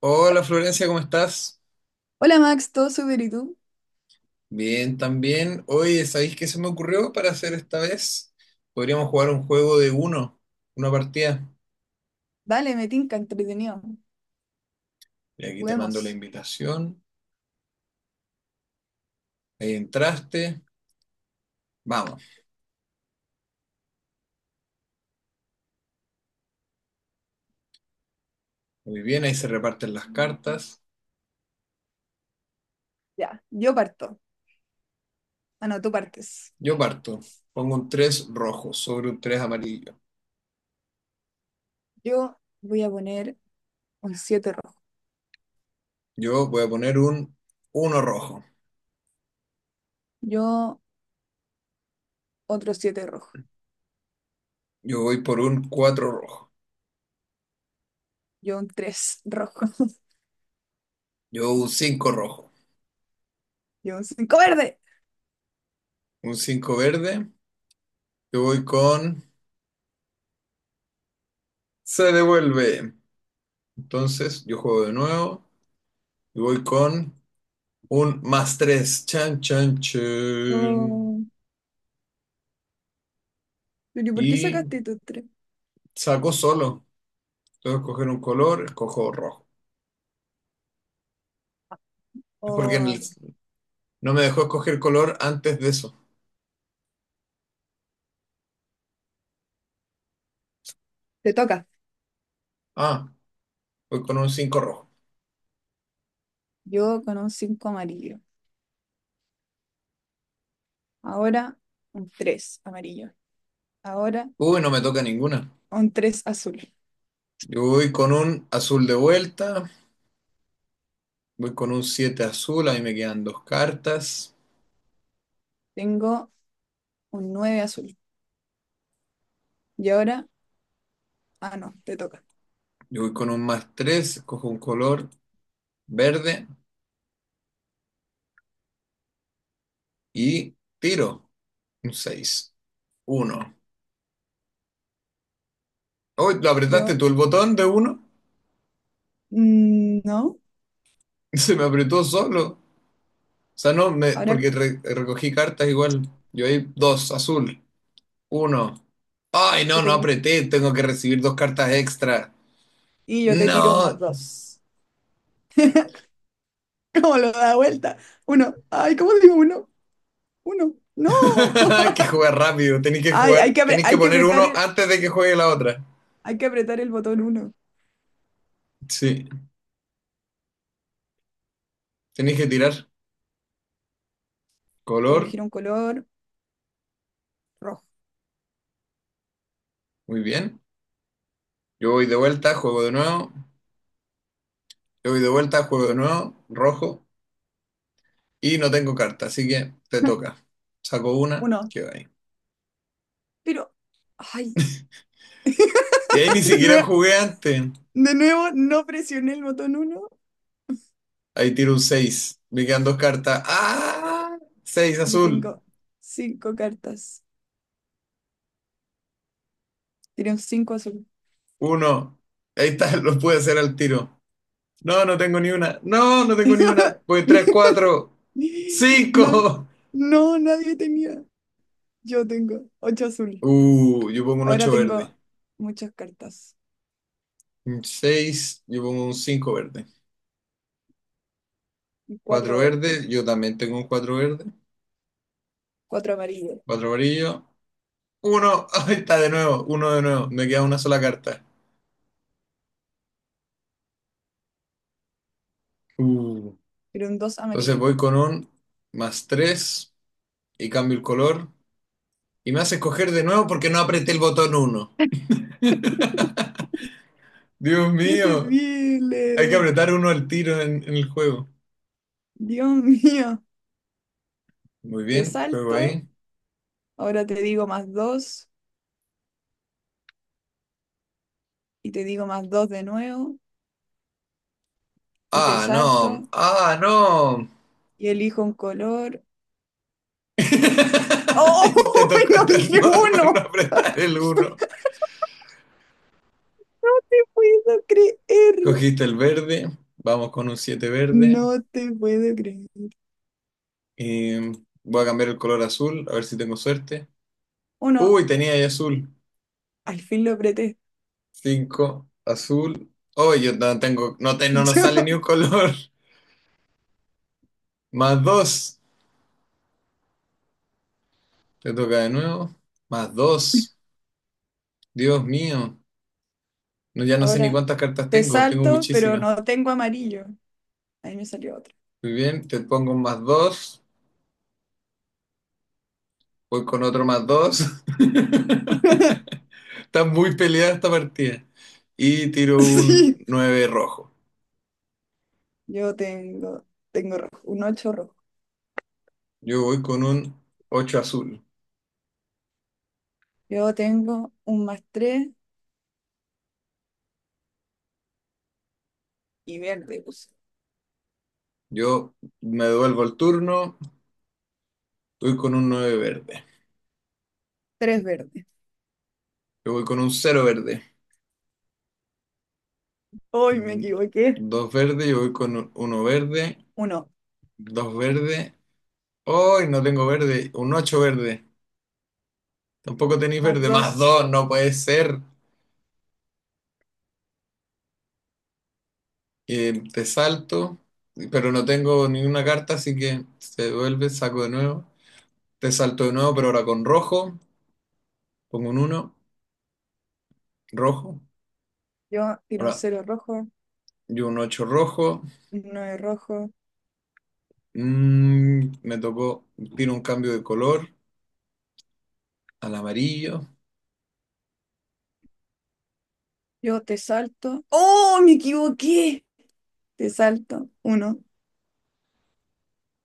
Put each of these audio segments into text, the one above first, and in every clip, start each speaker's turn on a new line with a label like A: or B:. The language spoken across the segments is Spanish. A: Hola Florencia, ¿cómo estás?
B: Hola Max, ¿todo súper y tú?
A: Bien, también. Oye, ¿sabéis qué se me ocurrió para hacer esta vez? Podríamos jugar un juego de uno, una partida.
B: Dale, me tinca, entretenido.
A: Y aquí te mando la
B: Juguemos.
A: invitación. Ahí entraste. Vamos. Muy bien, ahí se reparten las cartas.
B: Ya, yo parto. Ah, no, tú partes.
A: Yo parto. Pongo un 3 rojo sobre un 3 amarillo.
B: Yo voy a poner un 7 rojo.
A: Yo voy a poner un uno rojo.
B: Yo otro 7 rojo.
A: Yo voy por un 4 rojo.
B: Yo un 3 rojo.
A: Yo un cinco rojo.
B: Yo un 5 verde.
A: Un 5 verde. Yo voy con... Se devuelve. Entonces, yo juego de nuevo y voy con un más tres. Chan, chan, chan.
B: Oh, pero ¿por qué
A: Y
B: sacaste tu tres?
A: saco solo. Tengo que escoger un color, escojo rojo. Es porque
B: Oh,
A: no me dejó escoger color antes de eso.
B: te toca.
A: Ah, voy con un 5 rojo.
B: Yo con un 5 amarillo. Ahora un 3 amarillo. Ahora
A: Uy, no me toca ninguna.
B: un 3 azul.
A: Yo voy con un azul de vuelta. Voy con un 7 azul. Ahí me quedan dos cartas.
B: Tengo un 9 azul. Y ahora, ah, no, te toca.
A: Yo voy con un más 3. Escojo un color verde. Y tiro. Un seis. Uno. Hoy lo apretaste
B: Yo
A: tú el botón de uno.
B: No,
A: Se me apretó solo. O sea, no, me,
B: ahora
A: porque recogí cartas igual. Yo ahí dos, azul, uno. Ay, no,
B: yo
A: no
B: tengo.
A: apreté, tengo que recibir dos cartas extra.
B: Y yo te tiro más
A: No,
B: dos. ¿Cómo lo da vuelta? Uno. Ay, ¿cómo digo uno? Uno. No.
A: hay que jugar rápido, tenéis que
B: Ay,
A: jugar, tenéis que poner uno antes de que juegue la otra.
B: hay que apretar el botón uno.
A: Sí, tenéis que tirar
B: Voy a
A: color,
B: elegir un color rojo.
A: muy bien. Yo voy de vuelta, juego de nuevo, yo voy de vuelta, juego de nuevo, rojo, y no tengo carta, así que te toca. Saco una,
B: Uno.
A: que va.
B: Pero, ay,
A: Y ahí ni
B: de
A: siquiera
B: nuevo,
A: jugué antes.
B: de nuevo no presioné el botón uno.
A: Ahí tiro un seis. Me quedan dos cartas. ¡Ah! Seis
B: Yo
A: azul.
B: tengo cinco cartas. Tiré un cinco azul.
A: Uno. Ahí está, lo pude hacer al tiro. No, no tengo ni una. No, no tengo ni una. Voy 3 4
B: Nadie-
A: cinco.
B: no, nadie tenía. Yo tengo ocho azul.
A: Yo pongo un
B: Ahora
A: 8 verde.
B: tengo muchas cartas.
A: Un 6, yo pongo un 5 verde.
B: Y
A: Cuatro
B: cuatro verdes,
A: verde, yo también tengo un 4 verde.
B: cuatro amarillos,
A: Cuatro amarillo. Uno. Ahí está de nuevo. Uno de nuevo. Me queda una sola carta. Uh,
B: pero un dos
A: entonces
B: amarillo.
A: voy con un más 3 y cambio el color y me hace escoger de nuevo porque no apreté el botón uno. Dios
B: ¡Qué
A: mío, hay que
B: terrible!
A: apretar uno al tiro en el juego.
B: Dios mío.
A: Muy
B: Te
A: bien, juego
B: salto,
A: ahí.
B: ahora te digo más dos, y te digo más dos de nuevo, y te
A: Ah, no,
B: salto,
A: ah, no.
B: y elijo un color. ¡Oh!
A: Y te tocó
B: ¡No dije
A: no, no
B: uno!
A: apretar el uno.
B: ¡No puedo creer!
A: Cogiste el verde, vamos con un 7 verde.
B: No te puedo creer.
A: Y voy a cambiar el color azul, a ver si tengo suerte.
B: Uno,
A: Uy, tenía ahí azul.
B: al fin lo apreté.
A: Cinco azul. Uy, yo no tengo, no, no nos sale ni un color. Más dos. Te toca de nuevo. Más dos. Dios mío. No, ya no sé ni
B: Ahora
A: cuántas cartas
B: te
A: tengo. Tengo
B: salto, pero
A: muchísimas.
B: no tengo amarillo. Ahí me salió otro.
A: Muy bien. Te pongo un más dos. Voy con otro más dos. Está muy peleada esta partida. Y tiro un
B: Sí,
A: 9 rojo.
B: yo tengo, tengo rojo, un 8 rojo.
A: Yo voy con un 8 azul.
B: Yo tengo un más 3 y verde, puse.
A: Yo me devuelvo el turno. Voy con un 9 verde.
B: 3 verde.
A: Yo voy con un cero verde.
B: Hoy me
A: Mm,
B: equivoqué.
A: Dos verde. Yo voy con uno verde.
B: Uno
A: Dos verde. Hoy no tengo verde, un 8 verde. Tampoco tenéis
B: más
A: verde, más
B: 2.
A: 2 no puede ser. Te salto, pero no tengo ninguna carta, así que se devuelve, saco de nuevo. Te salto de nuevo, pero ahora con rojo. Pongo un uno rojo.
B: Yo tiro un
A: Ahora
B: cero rojo,
A: yo un 8 rojo.
B: un 9 rojo.
A: Me tocó, tiro un cambio de color al amarillo.
B: Yo te salto. ¡Oh, me equivoqué! Te salto. Uno,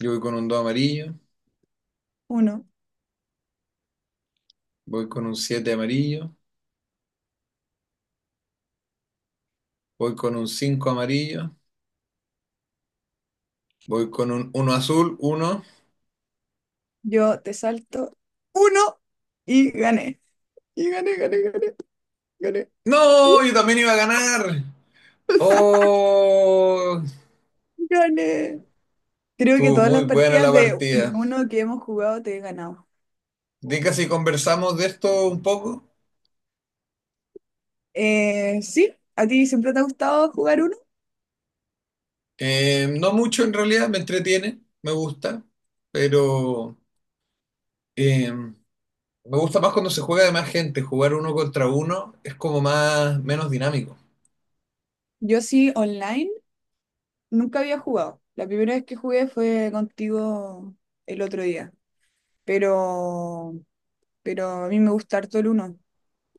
A: Yo voy con un 2 amarillo,
B: uno.
A: voy con un 7 amarillo, voy con un 5 amarillo, voy con un uno azul, uno.
B: Yo te salto. Uno y gané. Y gané, gané, gané, gané. ¡Uh!
A: No, yo también iba a ganar. Oh,
B: Gané. Creo que
A: estuvo
B: todas
A: muy
B: las
A: buena
B: partidas
A: la
B: de
A: partida.
B: uno que hemos jugado te he ganado.
A: Dica si conversamos de esto un poco.
B: Sí, ¿a ti siempre te ha gustado jugar uno?
A: No mucho en realidad, me entretiene, me gusta, pero me gusta más cuando se juega de más gente. Jugar uno contra uno es como más, menos dinámico.
B: Yo sí, online, nunca había jugado. La primera vez que jugué fue contigo el otro día, pero, pero a mí me gusta harto el uno.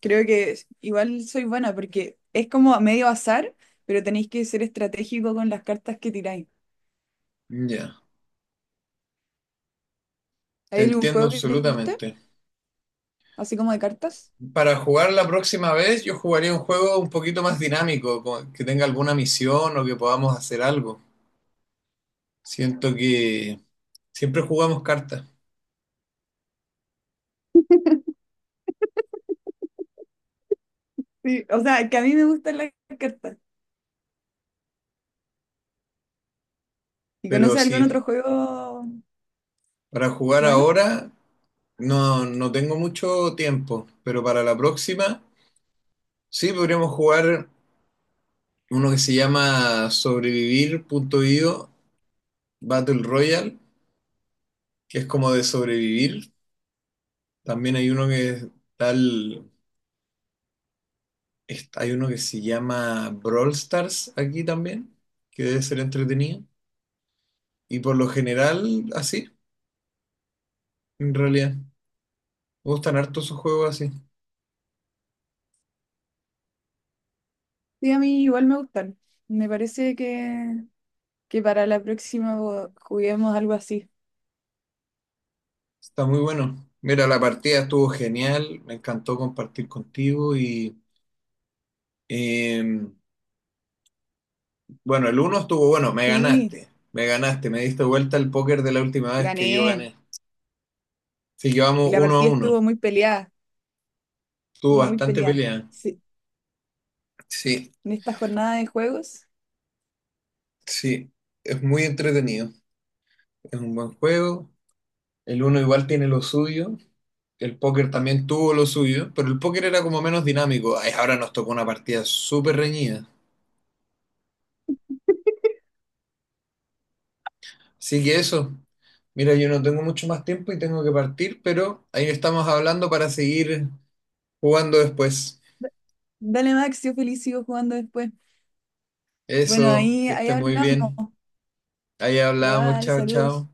B: Creo que igual soy buena porque es como medio azar, pero tenéis que ser estratégico con las cartas que tiráis.
A: Ya, te
B: ¿Hay algún
A: entiendo
B: juego que te guste?
A: absolutamente.
B: Así como de cartas.
A: Para jugar la próxima vez, yo jugaría un juego un poquito más dinámico, como que tenga alguna misión o que podamos hacer algo. Siento que siempre jugamos cartas,
B: Sí, o sea, que a mí me gustan las cartas. ¿Y
A: pero
B: conoces algún
A: sí,
B: otro juego
A: para jugar
B: bueno?
A: ahora no, no tengo mucho tiempo, pero para la próxima sí podríamos jugar uno que se llama Sobrevivir.io Battle Royale, que es como de sobrevivir. También hay uno que es tal, hay uno que se llama Brawl Stars aquí también, que debe ser entretenido. Y por lo general, así, en realidad. Me gustan harto esos juegos así.
B: Sí, a mí igual me gustan. Me parece que para la próxima juguemos algo así.
A: Está muy bueno. Mira, la partida estuvo genial, me encantó compartir contigo y eh, bueno, el uno estuvo bueno, me
B: Sí,
A: ganaste, me ganaste, me diste vuelta el póker de la última vez que yo
B: gané.
A: gané. Sí,
B: Y
A: llevamos
B: la
A: uno a
B: partida
A: uno,
B: estuvo muy peleada,
A: estuvo
B: estuvo muy
A: bastante
B: peleada.
A: pelea.
B: Sí,
A: Sí,
B: en esta jornada de juegos.
A: sí, es muy entretenido, es un buen juego, el uno igual tiene lo suyo, el póker también tuvo lo suyo, pero el póker era como menos dinámico. Ay, ahora nos tocó una partida súper reñida. Así que eso. Mira, yo no tengo mucho más tiempo y tengo que partir, pero ahí estamos hablando para seguir jugando después.
B: Dale, Max, yo feliz sigo jugando después. Bueno,
A: Eso,
B: ahí,
A: que
B: ahí
A: esté muy
B: hablamos.
A: bien. Ahí hablamos,
B: Igual,
A: chao,
B: saludos.
A: chao.